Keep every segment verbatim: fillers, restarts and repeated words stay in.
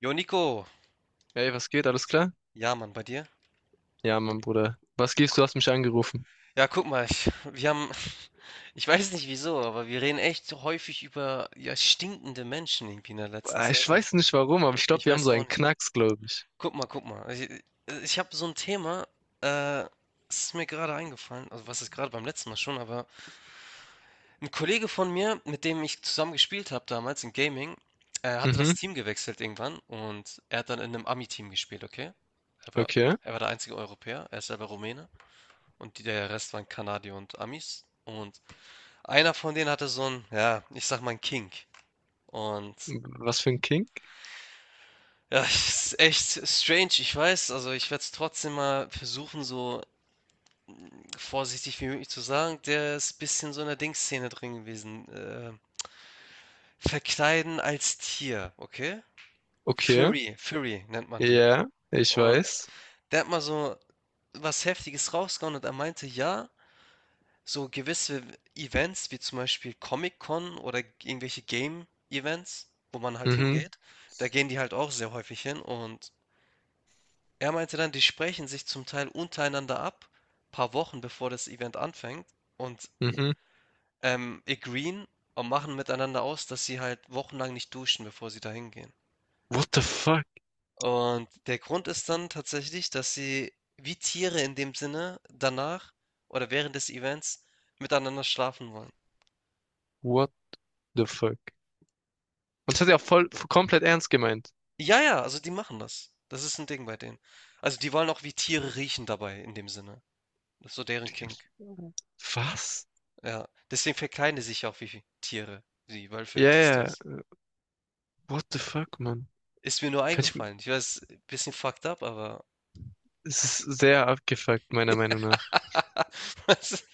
Jo, Nico. Hey, was geht? Alles klar? Ja, Mann, bei dir? Ja, mein Bruder. Was gibst Gu- du? Hast mich angerufen. Ja, guck mal, ich, wir haben, ich weiß nicht wieso, aber wir reden echt so häufig über ja, stinkende Menschen irgendwie in der letzten Ah, Zeit Ich und weiß nicht warum, aber ich glaube, ich wir haben weiß so auch einen nicht. Knacks, glaube ich. Guck mal, guck mal. Ich, ich habe so ein Thema, äh, es ist mir gerade eingefallen, also was ist gerade beim letzten Mal schon, aber ein Kollege von mir, mit dem ich zusammen gespielt habe damals in Gaming, äh, hatte Mhm, das Team gewechselt irgendwann und er hat dann in einem Ami-Team gespielt, okay? Er war, okay. er war der einzige Europäer, er ist selber Rumäne. Und die, der Rest waren Kanadier und Amis. Und einer von denen hatte so ein, ja, ich sag mal ein Kink. Und Was für ein Kink? ja, ist echt strange, ich weiß. Also ich werde es trotzdem mal versuchen, so vorsichtig wie möglich zu sagen. Der ist ein bisschen so in der Dingsszene drin gewesen. Äh, verkleiden als Tier, okay? Okay. Furry, Furry nennt man die. Ja, ich Und weiß. der hat mal so was Heftiges rausgehauen und er meinte, ja, so gewisse Events wie zum Beispiel Comic-Con oder irgendwelche Game-Events, wo man halt Mhm, hingeht, da gehen die halt auch sehr häufig hin und er meinte dann, die sprechen sich zum Teil untereinander ab, paar Wochen bevor das Event anfängt und mhm. ähm, agreeen und machen miteinander aus, dass sie halt wochenlang nicht duschen, bevor sie da hingehen. What the fuck? Und der Grund ist dann tatsächlich, dass sie wie Tiere in dem Sinne danach oder während des Events miteinander schlafen wollen. What the fuck? Und das hat er auch voll komplett ernst gemeint. Ja, ja, also die machen das. Das ist ein Ding bei denen. Also, die wollen auch wie Tiere riechen dabei in dem Sinne. Das ist so deren Digga, Kink. was? Ja, deswegen verkleiden die sich ja auch wie Tiere, wie Wölfe, Ja, dies, yeah, das. what the fuck, Mann? Ist mir nur Kann ich, eingefallen. Ich weiß, ein bisschen fucked up, aber Es ist sehr abgefuckt, meiner Meinung nach. das ist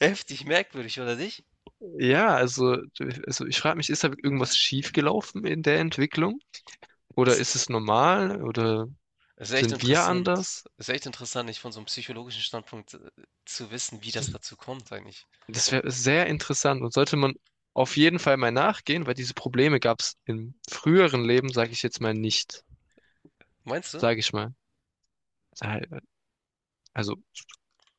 heftig merkwürdig, oder nicht? Ja, also, also ich frage mich, ist da irgendwas schiefgelaufen in der Entwicklung? Oder Ist ist es normal? Oder ist echt sind wir interessant. anders? Es ist echt interessant, nicht von so einem psychologischen Standpunkt, äh, zu wissen, wie das dazu kommt eigentlich. Das wäre sehr interessant und sollte man auf jeden Fall mal nachgehen, weil diese Probleme gab es im früheren Leben, sage ich jetzt mal nicht, Meinst du? sage ich mal. Äh, Also,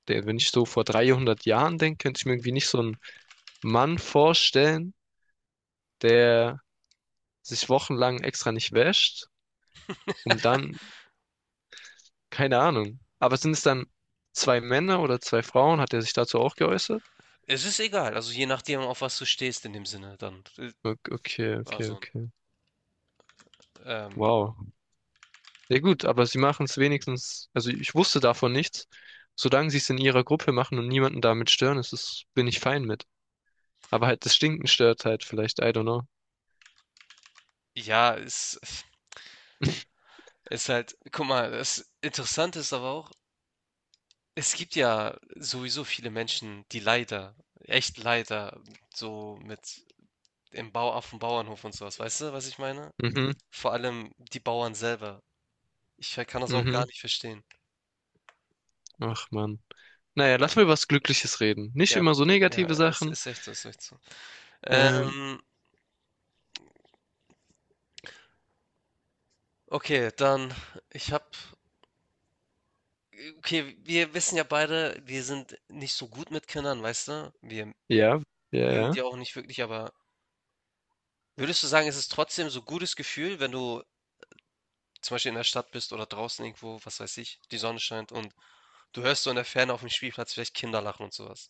der, Wenn ich so vor dreihundert Jahren denke, könnte ich mir irgendwie nicht so einen Mann vorstellen, der sich wochenlang extra nicht wäscht, um dann, keine Ahnung. Aber sind es dann zwei Männer oder zwei Frauen? Hat er sich dazu auch geäußert? Es ist egal, also je nachdem, auf was du stehst in dem Sinne dann. Äh, Ok- Okay, okay, also, okay. ähm, Wow. Ja gut, aber sie machen es wenigstens, also ich wusste davon nichts. Solange sie es in ihrer Gruppe machen und niemanden damit stören, ist es, bin ich fein mit. Aber halt das Stinken stört halt vielleicht, I don't know. ja, es ist halt guck mal, das Interessante ist aber auch, es gibt ja sowieso viele Menschen, die leider, echt leider, so mit im Bau auf dem Bauernhof und sowas, weißt du, was ich meine? Mhm, Vor allem die Bauern selber. Ich ver- kann das auch gar mhm. nicht verstehen. Ach Mann. Naja, lass mal über was Glückliches reden. Nicht Ja, b- immer so ja, negative es Sachen. ist echt so, es ist echt so. Ähm, Ähm, okay, dann, ich hab, okay, wir wissen ja beide, wir sind nicht so gut mit Kindern, weißt du? Wir ja, ja, mögen ja. die auch nicht wirklich, aber würdest du sagen, ist es ist trotzdem so ein gutes Gefühl, wenn du zum Beispiel in der Stadt bist oder draußen irgendwo, was weiß ich, die Sonne scheint und du hörst so in der Ferne auf dem Spielplatz vielleicht Kinder lachen und sowas?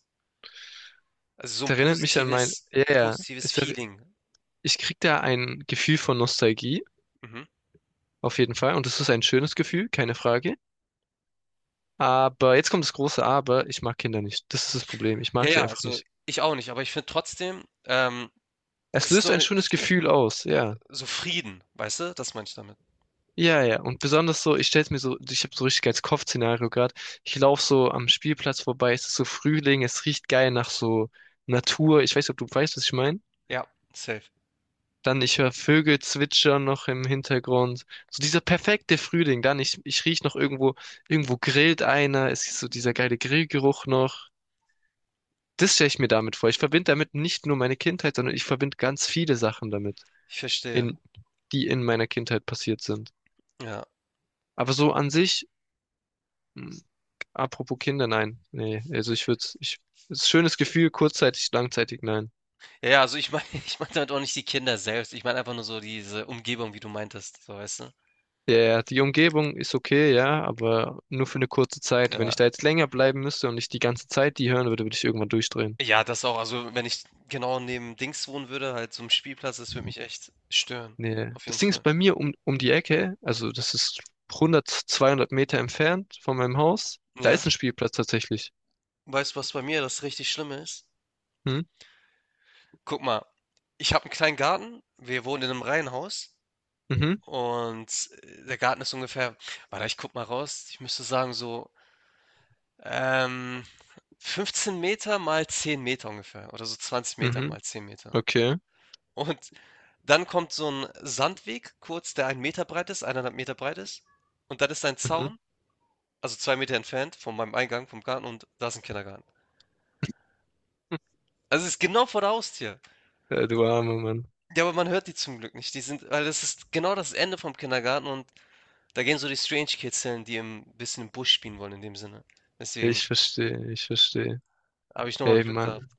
Also so Es ein erinnert mich an mein, positives ja, ja. positives Es erri- Feeling. Ich krieg da ein Gefühl von Nostalgie, Mhm. auf jeden Fall. Und es ist ein schönes Gefühl, keine Frage. Aber jetzt kommt das große Aber, ich mag Kinder nicht. Das ist das Problem. Ich Ja, mag sie ja, einfach also nicht. ich auch nicht, aber ich finde trotzdem, ähm, Es es ist löst so ein 'ne schönes Gefühl aus, ja. so Frieden, weißt du? Das meine ich damit. Ja, ja. Und besonders so, ich stell's mir so, ich habe so richtig als Kopfszenario gerade. Ich laufe so am Spielplatz vorbei, es ist so Frühling, es riecht geil nach so Natur. Ich weiß nicht, ob du weißt, was ich meine. Ja, safe. Dann ich höre Vögel zwitschern noch im Hintergrund. So dieser perfekte Frühling. Dann ich, ich riech noch irgendwo, irgendwo grillt einer. Es ist so dieser geile Grillgeruch noch. Das stelle ich mir damit vor. Ich verbinde damit nicht nur meine Kindheit, sondern ich verbinde ganz viele Sachen damit, Ich verstehe. in, die in meiner Kindheit passiert sind. Ja. Aber so an sich. Hm. Apropos Kinder, nein. Nee, also ich würde, ich, es ist ein schönes Gefühl, kurzzeitig, langzeitig, nein. Ja, ja, also ich meine, ich meine damit auch nicht die Kinder selbst. Ich meine einfach nur so diese Umgebung, wie du meintest, so, weißt du? Der, die Umgebung ist okay, ja, aber nur für eine kurze Zeit. Wenn Ja. ich da jetzt länger bleiben müsste und ich die ganze Zeit die hören würde, würde ich irgendwann durchdrehen. Ja, das auch. Also, wenn ich genau neben Dings wohnen würde, halt so 'n Spielplatz, das würde mich echt stören. Nee. Auf jeden Das Ding ist Fall. bei mir um, um die Ecke, also das ist hundert, zweihundert Meter entfernt von meinem Haus. Da Ja. ist ein Spielplatz tatsächlich. Weißt du, was bei mir das richtig Schlimme ist? Hm? Guck mal, ich habe einen kleinen Garten. Wir wohnen in einem Reihenhaus Mhm, und, äh, der Garten ist ungefähr, warte, ich gucke mal raus. Ich müsste sagen, so, ähm, fünfzehn Meter mal zehn Meter ungefähr oder so zwanzig Meter mhm, mal zehn Meter. okay. Und dann kommt so ein Sandweg kurz, der einen Meter breit ist, eineinhalb Meter breit ist und dann ist ein Mhm. Zaun, also zwei Meter entfernt von meinem Eingang vom Garten und da ist ein Kindergarten. Also, es ist genau vor der Haustür. Äh, du armer Mann. Ja, aber man hört die zum Glück nicht. Die sind, weil das ist genau das Ende vom Kindergarten und da gehen so die Strange Kids hin, die ein bisschen im Busch spielen wollen in dem Sinne. Deswegen Ich verstehe, ich verstehe. habe ich nochmal Ey, Glück gehabt. Mann.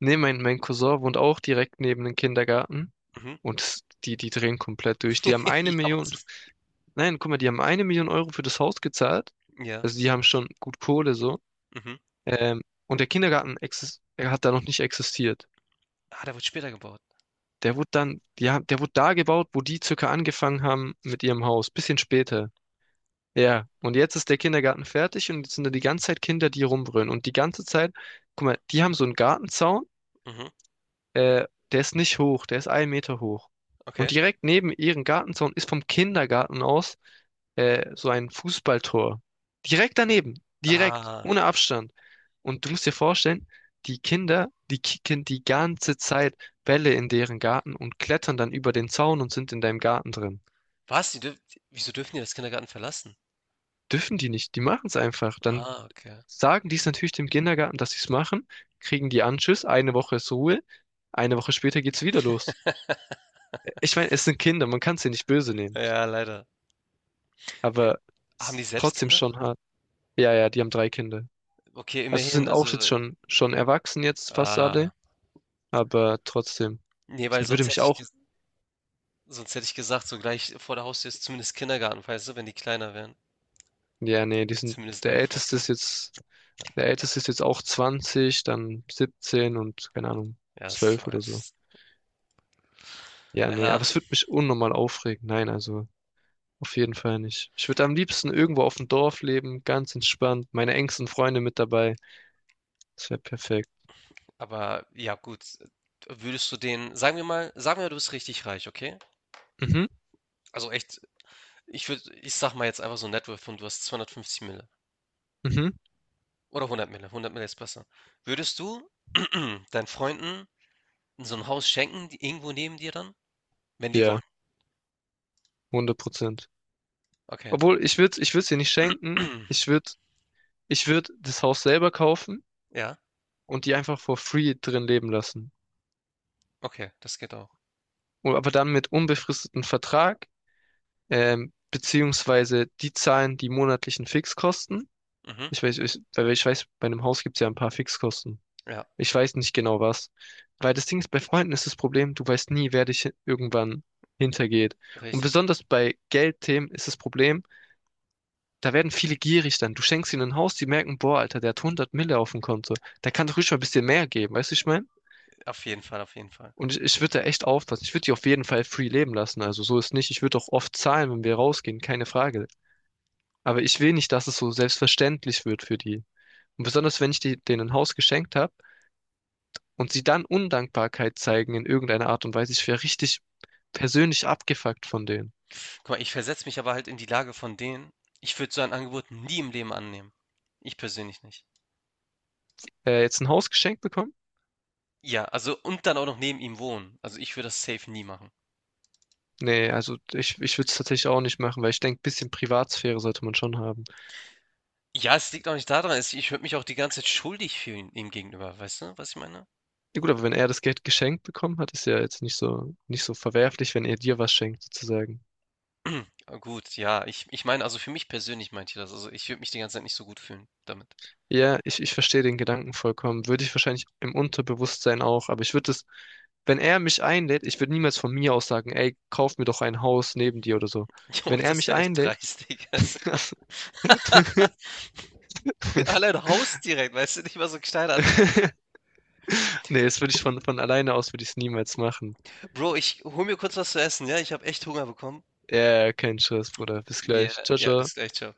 Nee, mein, mein Cousin wohnt auch direkt neben dem Kindergarten. Mhm. Und s- die, die drehen komplett durch. Die haben eine Ja, und Million, das, nein, guck mal, die haben eine Million Euro für das Haus gezahlt. ja, Also die haben schon gut Kohle so. mhm. Ähm, und der Kindergarten exist er hat da noch nicht existiert. Ah, der wird später gebaut. Der wurde dann, die haben, der wurde da gebaut, wo die circa angefangen haben mit ihrem Haus. Bisschen später. Ja, und jetzt ist der Kindergarten fertig und jetzt sind da die ganze Zeit Kinder, die rumbrüllen. Und die ganze Zeit, guck mal, die haben so einen Gartenzaun. Mhm, Äh, der ist nicht hoch, der ist einen Meter hoch. Und okay. direkt neben ihrem Gartenzaun ist vom Kindergarten aus äh, so ein Fußballtor. Direkt daneben, direkt, Ah, ohne Abstand. Und du musst dir vorstellen, die Kinder, die kicken die ganze Zeit Bälle in deren Garten und klettern dann über den Zaun und sind in deinem Garten drin. was? Die dürf wieso dürfen die das Kindergarten verlassen? Dürfen die nicht, die machen es einfach. Dann Ah, okay. sagen die es natürlich dem Kindergarten, dass sie es machen, kriegen die Anschiss, eine Woche ist Ruhe, eine Woche später geht's wieder los. Ich meine, es sind Kinder, man kann sie nicht böse nehmen. Ja, leider. Wi Aber es haben die ist selbst trotzdem Kinder? schon hart. Ja, ja, die haben drei Kinder. Okay, Also immerhin, sind auch jetzt also schon, schon erwachsen jetzt fast alle, ah, aber trotzdem. ne, weil Das würde sonst hätte mich ich auch. ges sonst hätte ich gesagt, so gleich vor der Haustür ist zumindest Kindergarten, weißt du, wenn die kleiner wären. Ja, nee, die sind, Zumindest der ein Älteste Vorteil. ist jetzt, der Älteste ist jetzt auch zwanzig, dann siebzehn und keine Ahnung, Ja, ist zu zwölf oder alt. so. Ja, nee, Ja, aber es würde mich unnormal aufregen. Nein, also auf jeden Fall nicht. Ich würde am liebsten irgendwo auf dem Dorf leben, ganz entspannt, meine engsten Freunde mit dabei. Das wäre perfekt. aber ja, gut. Würdest du den, sagen wir mal, sagen wir, du bist richtig reich, okay? Mhm, Also echt, ich würde, ich sag mal jetzt einfach so ein Net Worth und du hast zweihundertfünfzig Mille. mhm. Oder hundert Mille, hundert Mille ist besser. Würdest du deinen Freunden so ein Haus schenken, die irgendwo neben dir dann? Wenn die Ja, wollen? hundert Prozent. Okay. Obwohl, ich würde ich würde sie nicht schenken. Ich würde ich würd das Haus selber kaufen Ja, und die einfach for free drin leben lassen. okay, das geht auch. Und, aber dann mit unbefristetem Vertrag, ähm, beziehungsweise die zahlen die monatlichen Fixkosten. Mhm. Ich weiß, ich, weil ich weiß, bei einem Haus gibt es ja ein paar Fixkosten. Ja, Ich weiß nicht genau was. Weil das Ding ist, bei Freunden ist das Problem, du weißt nie, wer dich irgendwann hintergeht. Und richtig. besonders bei Geldthemen ist das Problem, da werden viele gierig dann. Du schenkst ihnen ein Haus, die merken, boah, Alter, der hat hundert Mille auf dem Konto. Der kann doch ruhig mal ein bisschen mehr geben, weißt du, ich mein? Auf jeden Fall, auf jeden Fall. Und ich, ich würde da echt aufpassen. Ich würde die auf jeden Fall free leben lassen. Also so ist nicht. Ich würde auch oft zahlen, wenn wir rausgehen, keine Frage. Aber ich will nicht, dass es so selbstverständlich wird für die. Und besonders, wenn ich die, denen ein Haus geschenkt habe und sie dann Undankbarkeit zeigen in irgendeiner Art und Weise. Ich wäre richtig persönlich abgefuckt von denen. Guck mal, ich versetze mich aber halt in die Lage von denen. Ich würde so ein Angebot nie im Leben annehmen. Ich persönlich nicht. Äh, jetzt ein Haus geschenkt bekommen? Ja, also und dann auch noch neben ihm wohnen. Also ich würde das safe nie machen. Nee, also ich, ich würde es tatsächlich auch nicht machen, weil ich denke, bisschen Privatsphäre sollte man schon haben. Ja, es liegt auch nicht daran, es- ich würde mich auch die ganze Zeit schuldig fühlen ihm gegenüber, weißt du, was ich meine? Ja gut, aber wenn er das Geld geschenkt bekommen hat, ist ja jetzt nicht so, nicht so verwerflich, wenn er dir was schenkt, sozusagen. Ah, gut, ja, ich, ich meine, also für mich persönlich meinte ich das, also ich würde mich die ganze Zeit nicht so gut fühlen damit. Ja, ich, ich verstehe den Gedanken vollkommen. Würde ich wahrscheinlich im Unterbewusstsein auch, aber ich würde es, wenn er mich einlädt, ich würde niemals von mir aus sagen, ey, kauf mir doch ein Haus neben dir oder so. Jo, Wenn er das mich wäre echt einlädt, dreist, Digga. Das- Allein Haus direkt, weißt du, nicht mal so ein kleiner Anfang. nee, das würde ich von, von alleine aus, würde ich es niemals machen. Bro, ich hol mir kurz was zu essen, ja, ich habe echt Hunger bekommen. Ja, kein Stress, Bruder. Bis Ja, gleich. Ciao, ja, ciao. bis gleich, ciao.